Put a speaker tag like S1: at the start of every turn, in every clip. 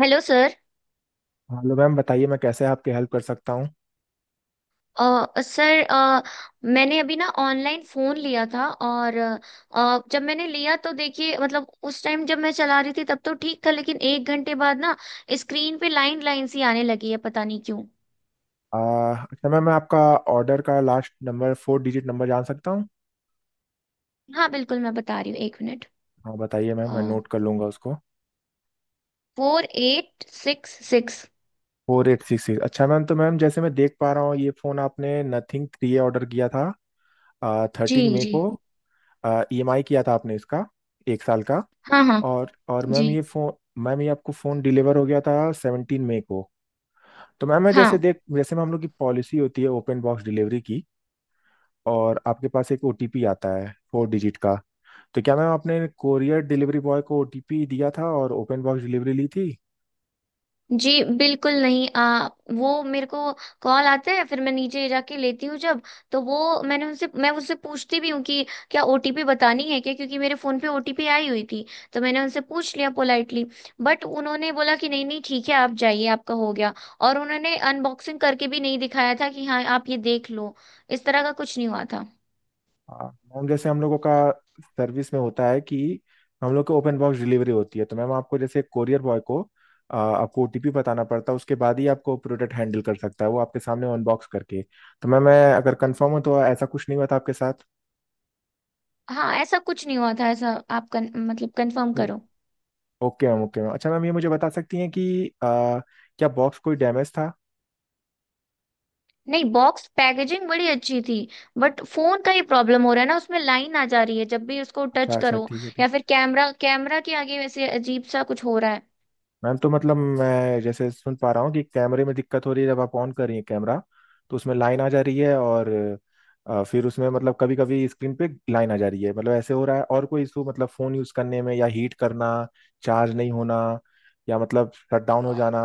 S1: Hello sir.
S2: Hello ma'am, बताइए मैं कैसे आपकी हेल्प कर सकता हूँ।
S1: सर, मैंने अभी ना ऑनलाइन फ़ोन लिया था, और जब मैंने लिया तो देखिए, मतलब उस टाइम जब मैं चला रही थी तब तो ठीक था, लेकिन एक घंटे बाद ना स्क्रीन पे लाइन लाइन सी आने लगी है, पता नहीं क्यों।
S2: आ, अच्छा मैम, मैं आपका ऑर्डर का last number, four digit number जान सकता हूँ।
S1: हाँ बिल्कुल, मैं बता रही हूँ, एक मिनट।
S2: हाँ बताइए मैम, मैं नोट कर लूँगा उसको।
S1: 4866।
S2: 4866। अच्छा मैम, तो मैम जैसे मैं देख पा रहा हूँ ये फ़ोन आपने नथिंग थ्री ऑर्डर किया था
S1: जी।
S2: 13 मई
S1: जी।
S2: को। ई एम आई किया था आपने इसका, एक साल का।
S1: हाँ हाँ।
S2: और
S1: जी।
S2: मैम ये फ़ोन, मैम ये आपको फ़ोन डिलीवर हो गया था 17 मई को। तो मैम मैं जैसे
S1: हाँ।
S2: देख जैसे मैम, हम लोग की पॉलिसी होती है ओपन बॉक्स डिलीवरी की, और आपके पास एक ओटीपी आता है फोर डिजिट का। तो क्या मैम आपने कोरियर डिलीवरी बॉय को ओटीपी दिया था और ओपन बॉक्स डिलीवरी ली थी।
S1: जी बिल्कुल नहीं। वो मेरे को कॉल आता है, फिर मैं नीचे जाके लेती हूँ जब। तो वो मैं उससे पूछती भी हूँ कि क्या ओटीपी बतानी है क्या, क्योंकि मेरे फोन पे ओटीपी आई हुई थी। तो मैंने उनसे पूछ लिया पोलाइटली, बट उन्होंने बोला कि नहीं नहीं, ठीक है, आप जाइए, आपका हो गया। और उन्होंने अनबॉक्सिंग करके भी नहीं दिखाया था कि हाँ आप ये देख लो, इस तरह का कुछ नहीं हुआ था।
S2: हाँ मैम, जैसे हम लोगों का सर्विस में होता है कि हम लोग को ओपन बॉक्स डिलीवरी होती है, तो मैम आपको जैसे कोरियर बॉय को आपको ओटीपी बताना पड़ता है, उसके बाद ही आपको प्रोडक्ट हैंडल कर सकता है वो, आपके सामने अनबॉक्स करके। तो मैम मैं अगर कंफर्म हूँ तो ऐसा कुछ नहीं हुआ था आपके साथ।
S1: हाँ, ऐसा कुछ नहीं हुआ था, ऐसा आप मतलब कंफर्म
S2: ओ-
S1: करो।
S2: Okay ma'am, okay ma'am. अच्छा मैम, ये मुझे बता सकती हैं कि आ, क्या बॉक्स कोई डैमेज था।
S1: नहीं, बॉक्स पैकेजिंग बड़ी अच्छी थी, बट फोन का ही प्रॉब्लम हो रहा है ना, उसमें लाइन आ जा रही है जब भी उसको टच
S2: अच्छा अच्छा,
S1: करो।
S2: ठीक है ठीक।
S1: या फिर कैमरा, कैमरा के आगे वैसे अजीब सा कुछ हो रहा है।
S2: मैम तो मतलब मैं जैसे सुन पा रहा हूँ कि कैमरे में दिक्कत हो रही है, जब आप ऑन कर रही हैं कैमरा तो उसमें लाइन आ जा रही है, और फिर उसमें मतलब कभी कभी स्क्रीन पे लाइन आ जा रही है। मतलब ऐसे हो रहा है, और कोई इशू मतलब फ़ोन यूज़ करने में, या हीट करना, चार्ज नहीं होना, या मतलब शटडाउन हो जाना,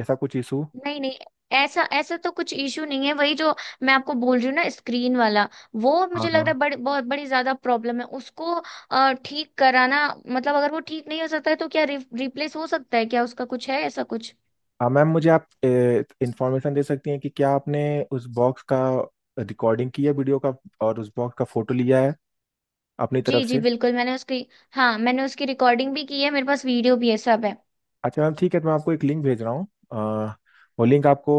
S2: ऐसा कुछ इशू।
S1: नहीं नहीं, ऐसा ऐसा तो कुछ इशू नहीं है, वही जो मैं आपको बोल रही हूँ ना, स्क्रीन वाला। वो
S2: हाँ
S1: मुझे लग
S2: हाँ।
S1: रहा है बहुत बड़ी ज्यादा प्रॉब्लम है उसको। ठीक कराना, मतलब अगर वो ठीक नहीं हो सकता है तो क्या रिप्लेस हो सकता है क्या, उसका कुछ है ऐसा कुछ।
S2: हाँ मैम, मुझे आप इंफॉर्मेशन दे सकती हैं कि क्या आपने उस बॉक्स का रिकॉर्डिंग की है, वीडियो का, और उस बॉक्स का फोटो लिया है अपनी
S1: जी
S2: तरफ
S1: जी
S2: से।
S1: बिल्कुल, मैंने उसकी हाँ मैंने उसकी रिकॉर्डिंग भी की है, मेरे पास वीडियो भी है, सब है।
S2: अच्छा मैम ठीक है, तो मैं आपको एक लिंक भेज रहा हूँ वो लिंक आपको,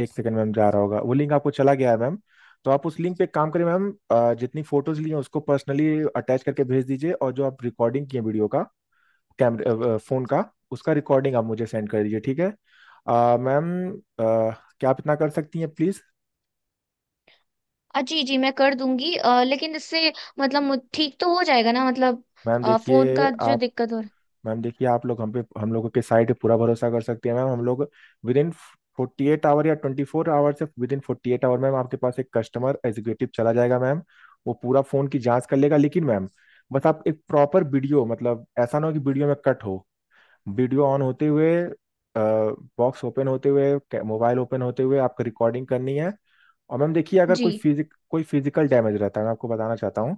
S2: एक सेकंड मैम, जा रहा होगा। वो लिंक आपको चला गया है मैम, तो आप उस लिंक पे एक काम करें मैम, जितनी फोटोज ली हैं उसको पर्सनली अटैच करके भेज दीजिए, और जो आप रिकॉर्डिंग किए वीडियो का, कैमरे फोन का, उसका रिकॉर्डिंग आप मुझे सेंड कर दीजिए, ठीक है। मैम, क्या आप इतना कर सकती हैं, प्लीज।
S1: जी जी, मैं कर दूंगी, लेकिन इससे मतलब ठीक तो हो जाएगा ना मतलब।
S2: मैम
S1: फोन
S2: देखिए
S1: का जो
S2: आप
S1: दिक्कत हो रहा।
S2: मैम देखिए, आप लोग हम लोगों के साइड पे पूरा भरोसा कर सकती है मैम। हम लोग विद इन 48 आवर या 24 आवर से within forty eight hour ma'am, आपके पास एक कस्टमर एग्जीक्यूटिव चला जाएगा मैम, वो पूरा फ़ोन की जांच कर लेगा। लेकिन मैम, बस आप एक प्रॉपर वीडियो, मतलब ऐसा ना हो कि वीडियो में कट हो। वीडियो ऑन होते हुए, बॉक्स ओपन होते हुए, मोबाइल ओपन होते हुए आपको रिकॉर्डिंग करनी है। और मैम देखिए, अगर
S1: जी।
S2: कोई फिजिक कोई फिजिकल डैमेज रहता है, मैं आपको बताना चाहता हूँ,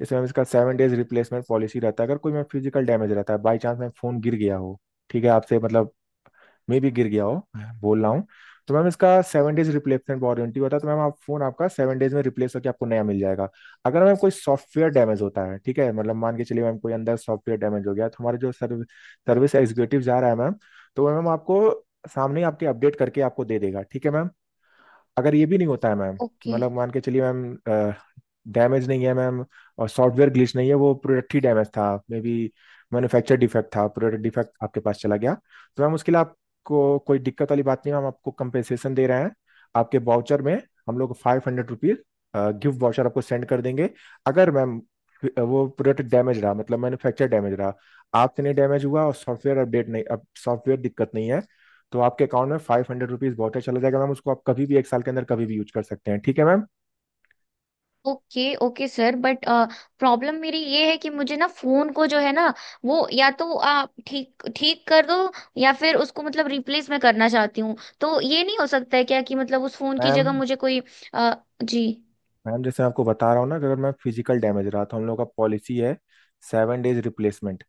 S2: जैसे मैम इसका 7 डेज रिप्लेसमेंट पॉलिसी रहता है। अगर कोई मैम फिजिकल डैमेज रहता है, बाई चांस मैम फोन गिर गया हो, ठीक है, आपसे मतलब मैं भी गिर गया हो बोल रहा हूँ, तो मैम इसका सेवन डेज रिप्लेसमेंट वारंटी होता है। तो मैम आप फोन, आपका 7 डेज में रिप्लेस होकर आपको नया मिल जाएगा। अगर मैम कोई सॉफ्टवेयर डैमेज होता है, ठीक है, मतलब मान के चलिए मैम कोई अंदर सॉफ्टवेयर डैमेज हो गया, तो हमारे जो सर्विस सर्विस एग्जीक्यूटिव जा रहा है मैम, तो वो मैम आपको सामने ही आपके अपडेट करके आपको दे देगा, ठीक है मैम। अगर ये भी नहीं होता है मैम, कि
S1: ओके।
S2: मतलब मान के चलिए मैम, डैमेज नहीं है मैम, और सॉफ्टवेयर ग्लिच नहीं है, वो प्रोडक्ट ही डैमेज था मे बी, मैन्युफैक्चर डिफेक्ट था, प्रोडक्ट डिफेक्ट आपके पास चला गया, तो मैम उसके लिए आपको कोई दिक्कत वाली बात नहीं है, हम आपको कंपेंसेशन दे रहे हैं आपके वाउचर में। हम लोग 500 रुपीज गिफ्ट वाउचर आपको सेंड कर देंगे, अगर मैम वो प्रोडक्ट डैमेज रहा, मतलब मैन्युफैक्चर डैमेज रहा, आपसे नहीं डैमेज हुआ और सॉफ्टवेयर दिक्कत नहीं है, तो आपके अकाउंट में 500 रुपीज बहुत है, चला जाएगा मैम। उसको आप कभी भी एक साल के अंदर कभी भी यूज कर सकते हैं, ठीक है ma'am.
S1: Okay. Okay sir, but problem मेरी ये है कि मुझे ना फोन को जो है ना, वो या तो आप ठीक ठीक कर दो, या फिर उसको मतलब रिप्लेस मैं करना चाहती हूँ। तो ये नहीं हो सकता है क्या कि मतलब उस फोन की
S2: मैम
S1: जगह मुझे कोई। अ, जी।
S2: मैम जैसे मैं आपको बता रहा हूँ ना कि अगर मैं फिजिकल डैमेज रहा तो हम लोग का पॉलिसी है 7 डेज रिप्लेसमेंट,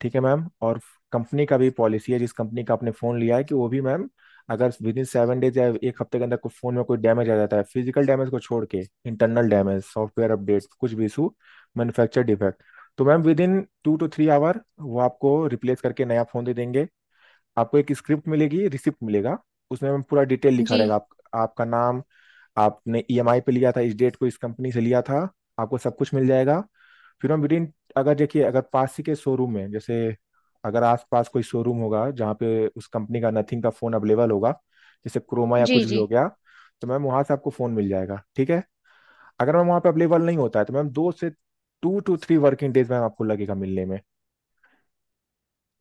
S2: ठीक है मैम। और कंपनी का भी पॉलिसी है, जिस कंपनी का आपने फ़ोन लिया है, कि वो भी मैम, अगर विद इन 7 डेज या एक हफ्ते के अंदर कोई फ़ोन में कोई डैमेज आ जाता है, फिजिकल डैमेज को छोड़ के, इंटरनल डैमेज, सॉफ्टवेयर अपडेट, कुछ भी इशू, मैन्युफैक्चर डिफेक्ट, तो ma'am with in 2 to 3 our वो आपको रिप्लेस करके नया फ़ोन दे देंगे। आपको एक स्क्रिप्ट मिलेगी, रिसिप्ट मिलेगा, उसमें हम पूरा डिटेल लिखा
S1: जी
S2: रहेगा, आपका नाम, आपने ईएमआई पे लिया था, इस डेट को इस कंपनी से लिया था, आपको सब कुछ मिल जाएगा। फिर हम विदिन, अगर पास ही के शोरूम है, जैसे अगर आसपास कोई शोरूम होगा जहाँ पे उस कंपनी का नथिंग का फ़ोन अवेलेबल होगा, जैसे क्रोमा या
S1: जी।
S2: कुछ भी हो
S1: जी
S2: गया, तो मैम वहाँ से आपको फ़ोन मिल जाएगा, ठीक है। अगर मैम वहाँ पे अवेलेबल नहीं होता है, तो मैम दो से 2 to 3 वर्किंग डेज मैम आपको लगेगा मिलने में।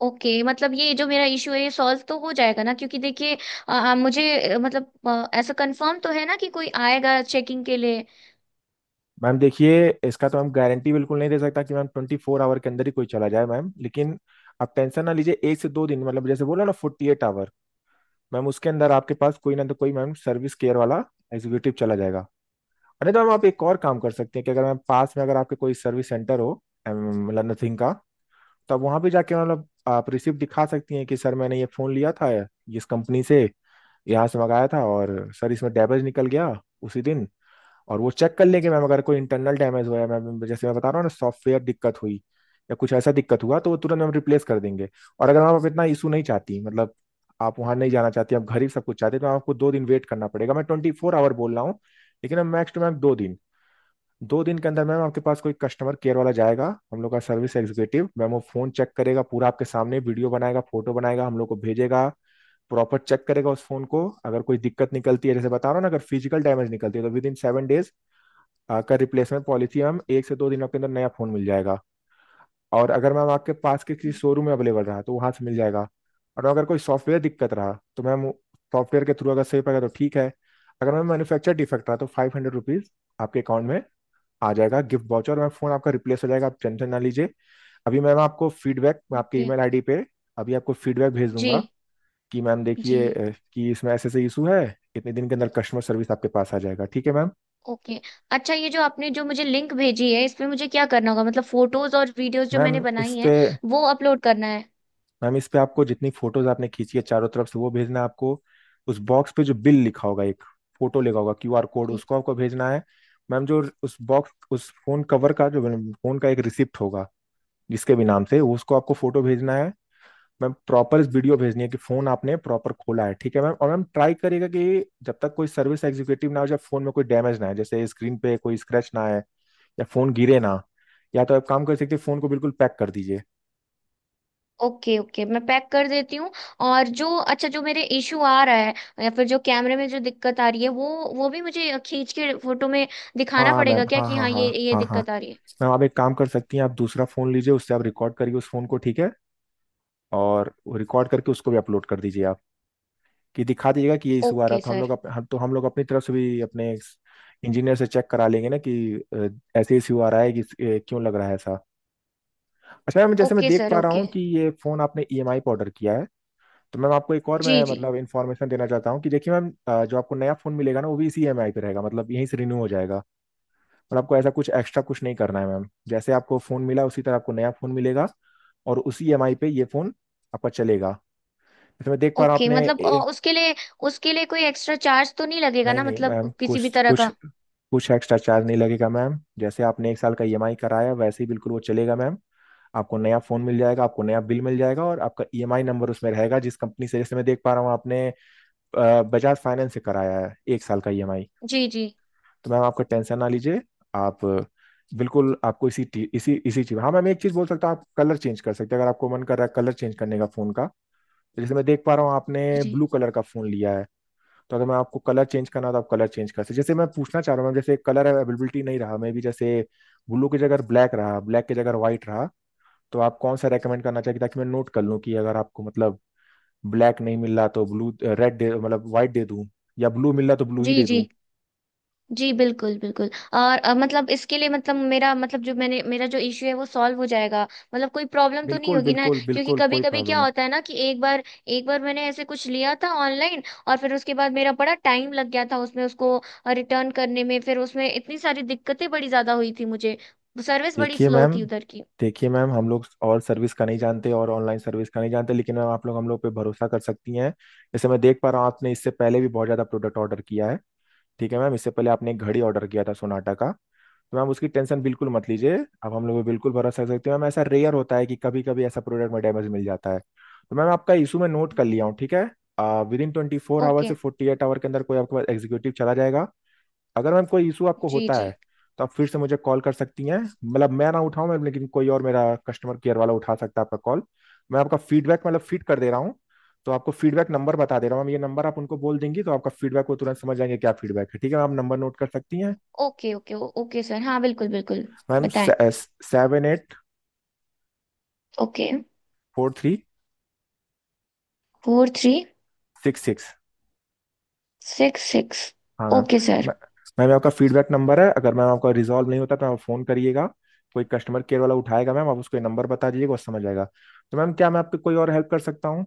S1: ओके, मतलब ये जो मेरा इश्यू है ये सॉल्व तो हो जाएगा ना, क्योंकि देखिए मुझे मतलब ऐसा कंफर्म तो है ना कि कोई आएगा चेकिंग के लिए।
S2: मैम देखिए, इसका तो हम गारंटी बिल्कुल नहीं दे सकता कि मैम 24 आवर के अंदर ही कोई चला जाए मैम, लेकिन आप टेंशन ना लीजिए, एक से दो दिन, मतलब जैसे बोला ना 48 आवर मैम, उसके अंदर आपके पास कोई ना तो कोई मैम सर्विस केयर वाला एग्जीक्यूटिव चला जाएगा। और नहीं तो मैम, आप एक और काम कर सकते हैं कि अगर मैम पास में, अगर आपके कोई सर्विस सेंटर हो मतलब नथिंग का, तो आप वहाँ भी जाके, मतलब आप रिसिप्ट दिखा सकती हैं कि सर मैंने ये फ़ोन लिया था इस कंपनी से, यहाँ से मंगाया था, और सर इसमें डैमेज निकल गया उसी दिन। और वो चेक कर लेंगे मैम, अगर कोई इंटरनल डैमेज हुआ है मैम, जैसे मैं बता रहा हूँ ना, सॉफ्टवेयर दिक्कत हुई या कुछ ऐसा दिक्कत हुआ, तो वो तुरंत हम रिप्लेस कर देंगे। और अगर आप इतना इशू नहीं चाहती, मतलब आप वहां नहीं जाना चाहती, आप घर ही सब कुछ चाहते, तो आपको दो दिन वेट करना पड़ेगा। मैं 24 आवर बोल रहा हूँ, लेकिन मैम मैक्स टू मैम दो दिन, दो दिन के अंदर मैम आपके पास कोई कस्टमर केयर वाला जाएगा, हम लोग का सर्विस एग्जीक्यूटिव मैम। वो फोन चेक करेगा पूरा आपके सामने, वीडियो बनाएगा, फोटो बनाएगा, हम लोग को भेजेगा, प्रॉपर चेक करेगा उस फोन को। अगर कोई दिक्कत निकलती है, जैसे बता रहा हूँ ना, अगर फिजिकल डैमेज निकलती है, तो विद इन सेवन डेज का रिप्लेसमेंट पॉलिसी मैम, एक से दो दिनों के अंदर नया फोन मिल जाएगा। और अगर मैम आपके पास के किसी शोरूम में अवेलेबल रहा तो वहां से मिल जाएगा। और अगर कोई सॉफ्टवेयर दिक्कत रहा, तो मैम सॉफ्टवेयर के थ्रू अगर सही पड़ेगा तो ठीक है। अगर मैम मैन्युफैक्चर डिफेक्ट रहा, तो 500 रुपीज आपके अकाउंट में आ जाएगा गिफ्ट वाउचर, और मैम फोन आपका रिप्लेस हो जाएगा, आप टेंशन ना लीजिए। अभी मैम आपको फीडबैक मैं आपके
S1: ओके।
S2: ईमेल आईडी पे अभी आपको फीडबैक भेज
S1: जी
S2: दूंगा, कि मैम
S1: जी।
S2: देखिए कि इसमें ऐसे ऐसे इशू है, इतने दिन के अंदर कस्टमर सर्विस आपके पास आ जाएगा, ठीक है मैम।
S1: ओके। अच्छा, ये जो आपने जो मुझे लिंक भेजी है इसमें मुझे क्या करना होगा, मतलब फोटोज और वीडियोज जो
S2: मैम
S1: मैंने
S2: इस
S1: बनाई
S2: पे
S1: है वो अपलोड करना है।
S2: मैम इस पे आपको जितनी फोटोज आपने खींची है चारों तरफ से, वो भेजना है आपको। उस बॉक्स पे जो बिल लिखा होगा, एक फोटो लिखा होगा, क्यूआर कोड,
S1: जी।
S2: उसको आपको भेजना है मैम। जो उस बॉक्स, उस फोन कवर का जो, फोन का एक रिसिप्ट होगा, जिसके भी नाम से, उसको आपको फोटो भेजना है मैम। प्रॉपर वीडियो भेजनी है कि फोन आपने प्रॉपर खोला है, ठीक है मैम। और मैम ट्राई करिएगा कि जब तक कोई सर्विस एग्जीक्यूटिव ना हो, जब फोन में कोई डैमेज ना है, जैसे स्क्रीन पे कोई स्क्रैच ना आए या फोन गिरे ना, या तो आप काम कर सकते, फोन को बिल्कुल पैक कर दीजिए।
S1: ओके ओके, मैं पैक कर देती हूँ। और जो अच्छा जो मेरे इशू आ रहा है, या फिर जो कैमरे में जो दिक्कत आ रही है वो भी मुझे खींच के फोटो में दिखाना
S2: हाँ मैम,
S1: पड़ेगा क्या
S2: हाँ
S1: कि
S2: हाँ
S1: हाँ
S2: हाँ,
S1: ये
S2: हाँ हाँ।
S1: दिक्कत आ रही है।
S2: मैम आप एक काम कर सकती हैं, आप दूसरा फ़ोन लीजिए, उससे आप रिकॉर्ड करिए उस फ़ोन को, ठीक है, और रिकॉर्ड करके उसको भी अपलोड कर दीजिए आप। कि दिखा दीजिएगा कि ये इशू आ रहा,
S1: ओके
S2: तो हम लोग
S1: सर।
S2: अप, हम तो हम लोग अपनी तरफ से भी अपने इंजीनियर से चेक करा लेंगे ना, कि अ, ऐसे इशू आ रहा है, कि क्यों लग रहा है ऐसा। अच्छा मैम, जैसे मैं
S1: ओके
S2: देख
S1: सर।
S2: पा रहा
S1: ओके।
S2: हूँ कि ये फ़ोन आपने ईएमआई पर ऑर्डर किया है, तो मैम आपको एक और
S1: जी
S2: मैं
S1: जी।
S2: मतलब इन्फॉर्मेशन देना चाहता हूँ, कि देखिए मैम जो आपको नया फ़ोन मिलेगा ना, वो भी इसी ईएमआई पे रहेगा मतलब यहीं से रिन्यू हो जाएगा। और आपको ऐसा कुछ एक्स्ट्रा कुछ नहीं करना है मैम। जैसे आपको फ़ोन मिला उसी तरह आपको नया फ़ोन मिलेगा और उसी ईएमआई पे ये फ़ोन आपका चलेगा। जैसे मैं देख पा रहा हूँ
S1: ओके
S2: आपने
S1: मतलब उसके लिए कोई एक्स्ट्रा चार्ज तो नहीं लगेगा
S2: नहीं
S1: ना
S2: नहीं मैम
S1: मतलब, किसी भी
S2: कुछ
S1: तरह
S2: कुछ
S1: का।
S2: कुछ एक्स्ट्रा चार्ज नहीं लगेगा मैम। जैसे आपने एक साल का ईएमआई कराया वैसे ही बिल्कुल वो चलेगा मैम। आपको नया फ़ोन मिल जाएगा, आपको नया बिल मिल जाएगा और आपका ईएमआई नंबर उसमें रहेगा जिस कंपनी से। जैसे मैं देख पा रहा हूँ आपने बजाज फाइनेंस से कराया है एक साल का ईएमआई।
S1: जी जी।
S2: तो मैम आपको टेंशन ना लीजिए। आप बिल्कुल आपको इसी टी- इसी इसी चीज, हाँ मैम एक चीज बोल सकता हूँ, आप कलर चेंज कर सकते हैं अगर आपको मन कर रहा है कलर चेंज करने का फोन का। तो जैसे मैं देख पा रहा हूँ
S1: जी
S2: आपने
S1: जी।
S2: ब्लू कलर का फोन लिया है। तो अगर मैं आपको कलर चेंज करना हो तो आप कलर चेंज कर सकते हैं। जैसे मैं पूछना चाह रहा हूँ मैम, जैसे कलर अवेलेबिलिटी नहीं रहा मे भी, जैसे ब्लू की जगह ब्लैक रहा, ब्लैक की जगह व्हाइट रहा, तो आप कौन सा रेकमेंड करना चाहिए ताकि मैं नोट कर लूँ कि अगर आपको मतलब ब्लैक नहीं मिल रहा तो ब्लू रेड दे मतलब व्हाइट दे दूँ, या ब्लू मिल रहा तो ब्लू ही
S1: जी
S2: दे
S1: जी।
S2: दूँ।
S1: जी बिल्कुल बिल्कुल। और मतलब इसके लिए मतलब मेरा मतलब जो मैंने मेरा जो इश्यू है वो सॉल्व हो जाएगा, मतलब कोई प्रॉब्लम तो नहीं
S2: बिल्कुल
S1: होगी ना,
S2: बिल्कुल
S1: क्योंकि
S2: बिल्कुल,
S1: कभी
S2: कोई
S1: कभी
S2: प्रॉब्लम
S1: क्या
S2: नहीं।
S1: होता है ना कि एक बार मैंने ऐसे कुछ लिया था ऑनलाइन, और फिर उसके बाद मेरा बड़ा टाइम लग गया था उसमें, उसको रिटर्न करने में, फिर उसमें इतनी सारी दिक्कतें बड़ी ज्यादा हुई थी मुझे, सर्विस बड़ी
S2: देखिए
S1: स्लो
S2: मैम,
S1: थी उधर की।
S2: देखिए मैम हम लोग और सर्विस का नहीं जानते और ऑनलाइन सर्विस का नहीं जानते, लेकिन मैम आप लोग हम लोग पे भरोसा कर सकती हैं। जैसे मैं देख पा रहा हूँ आपने इससे पहले भी बहुत ज़्यादा प्रोडक्ट ऑर्डर किया है। ठीक है मैम, इससे पहले आपने एक घड़ी ऑर्डर किया था सोनाटा का। तो मैम उसकी टेंशन बिल्कुल मत लीजिए। अब हम लोग पे बिल्कुल भरोसा कर सकते हैं मैम। ऐसा रेयर होता है कि कभी कभी ऐसा प्रोडक्ट में डैमेज मिल जाता है। तो मैम आपका इशू मैं नोट कर
S1: जी।
S2: लिया हूँ, ठीक है। With in 24 our
S1: okay.
S2: से 48 आवर के अंदर कोई आपके पास एग्जीक्यूटिव चला जाएगा। अगर मैम कोई इशू आपको
S1: जी
S2: होता
S1: जी।
S2: है तो आप फिर से मुझे कॉल कर सकती हैं, मतलब मैं ना उठाऊं मैम, लेकिन कोई और मेरा कस्टमर केयर वाला उठा सकता है आपका कॉल। मैं आपका फीडबैक मतलब फीड कर दे रहा हूँ। तो आपको फीडबैक नंबर बता दे रहा हूँ मैम। ये नंबर आप उनको बोल देंगी तो आपका फीडबैक वो तुरंत समझ जाएंगे क्या फीडबैक है। ठीक है मैम, आप नंबर नोट कर सकती हैं।
S1: ओके ओके ओके सर, हाँ बिल्कुल बिल्कुल।
S2: मैम,
S1: बताएं।
S2: Seven eight
S1: okay.
S2: Four three
S1: four three
S2: six six
S1: six six
S2: हाँ मैम।
S1: Okay sir.
S2: मैं- मैम ये आपका फीडबैक नंबर है। अगर मैम आपका रिजॉल्व नहीं होता तो आप फ़ोन करिएगा। कोई कस्टमर केयर वाला उठाएगा मैम, आप उसको ये नंबर बता दीजिएगा वो समझ जाएगा। तो मैम क्या मैं आपकी कोई और हेल्प कर सकता हूँ।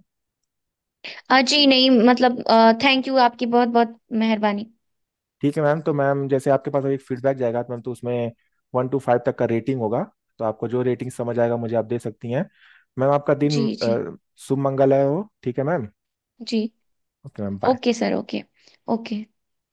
S1: जी नहीं मतलब, थैंक यू, आपकी बहुत बहुत मेहरबानी।
S2: ठीक है मैम, तो मैम जैसे आपके पास अभी एक फीडबैक जाएगा तो मैम तो उसमें 1 से 5 तक का रेटिंग होगा। तो आपको जो रेटिंग समझ आएगा मुझे आप दे सकती हैं। मैम आपका
S1: जी।
S2: दिन
S1: जी
S2: शुभ मंगल है हो, ठीक है मैम।
S1: जी।
S2: Okay ma'am, bye.
S1: Okay sir. Okay. Okay.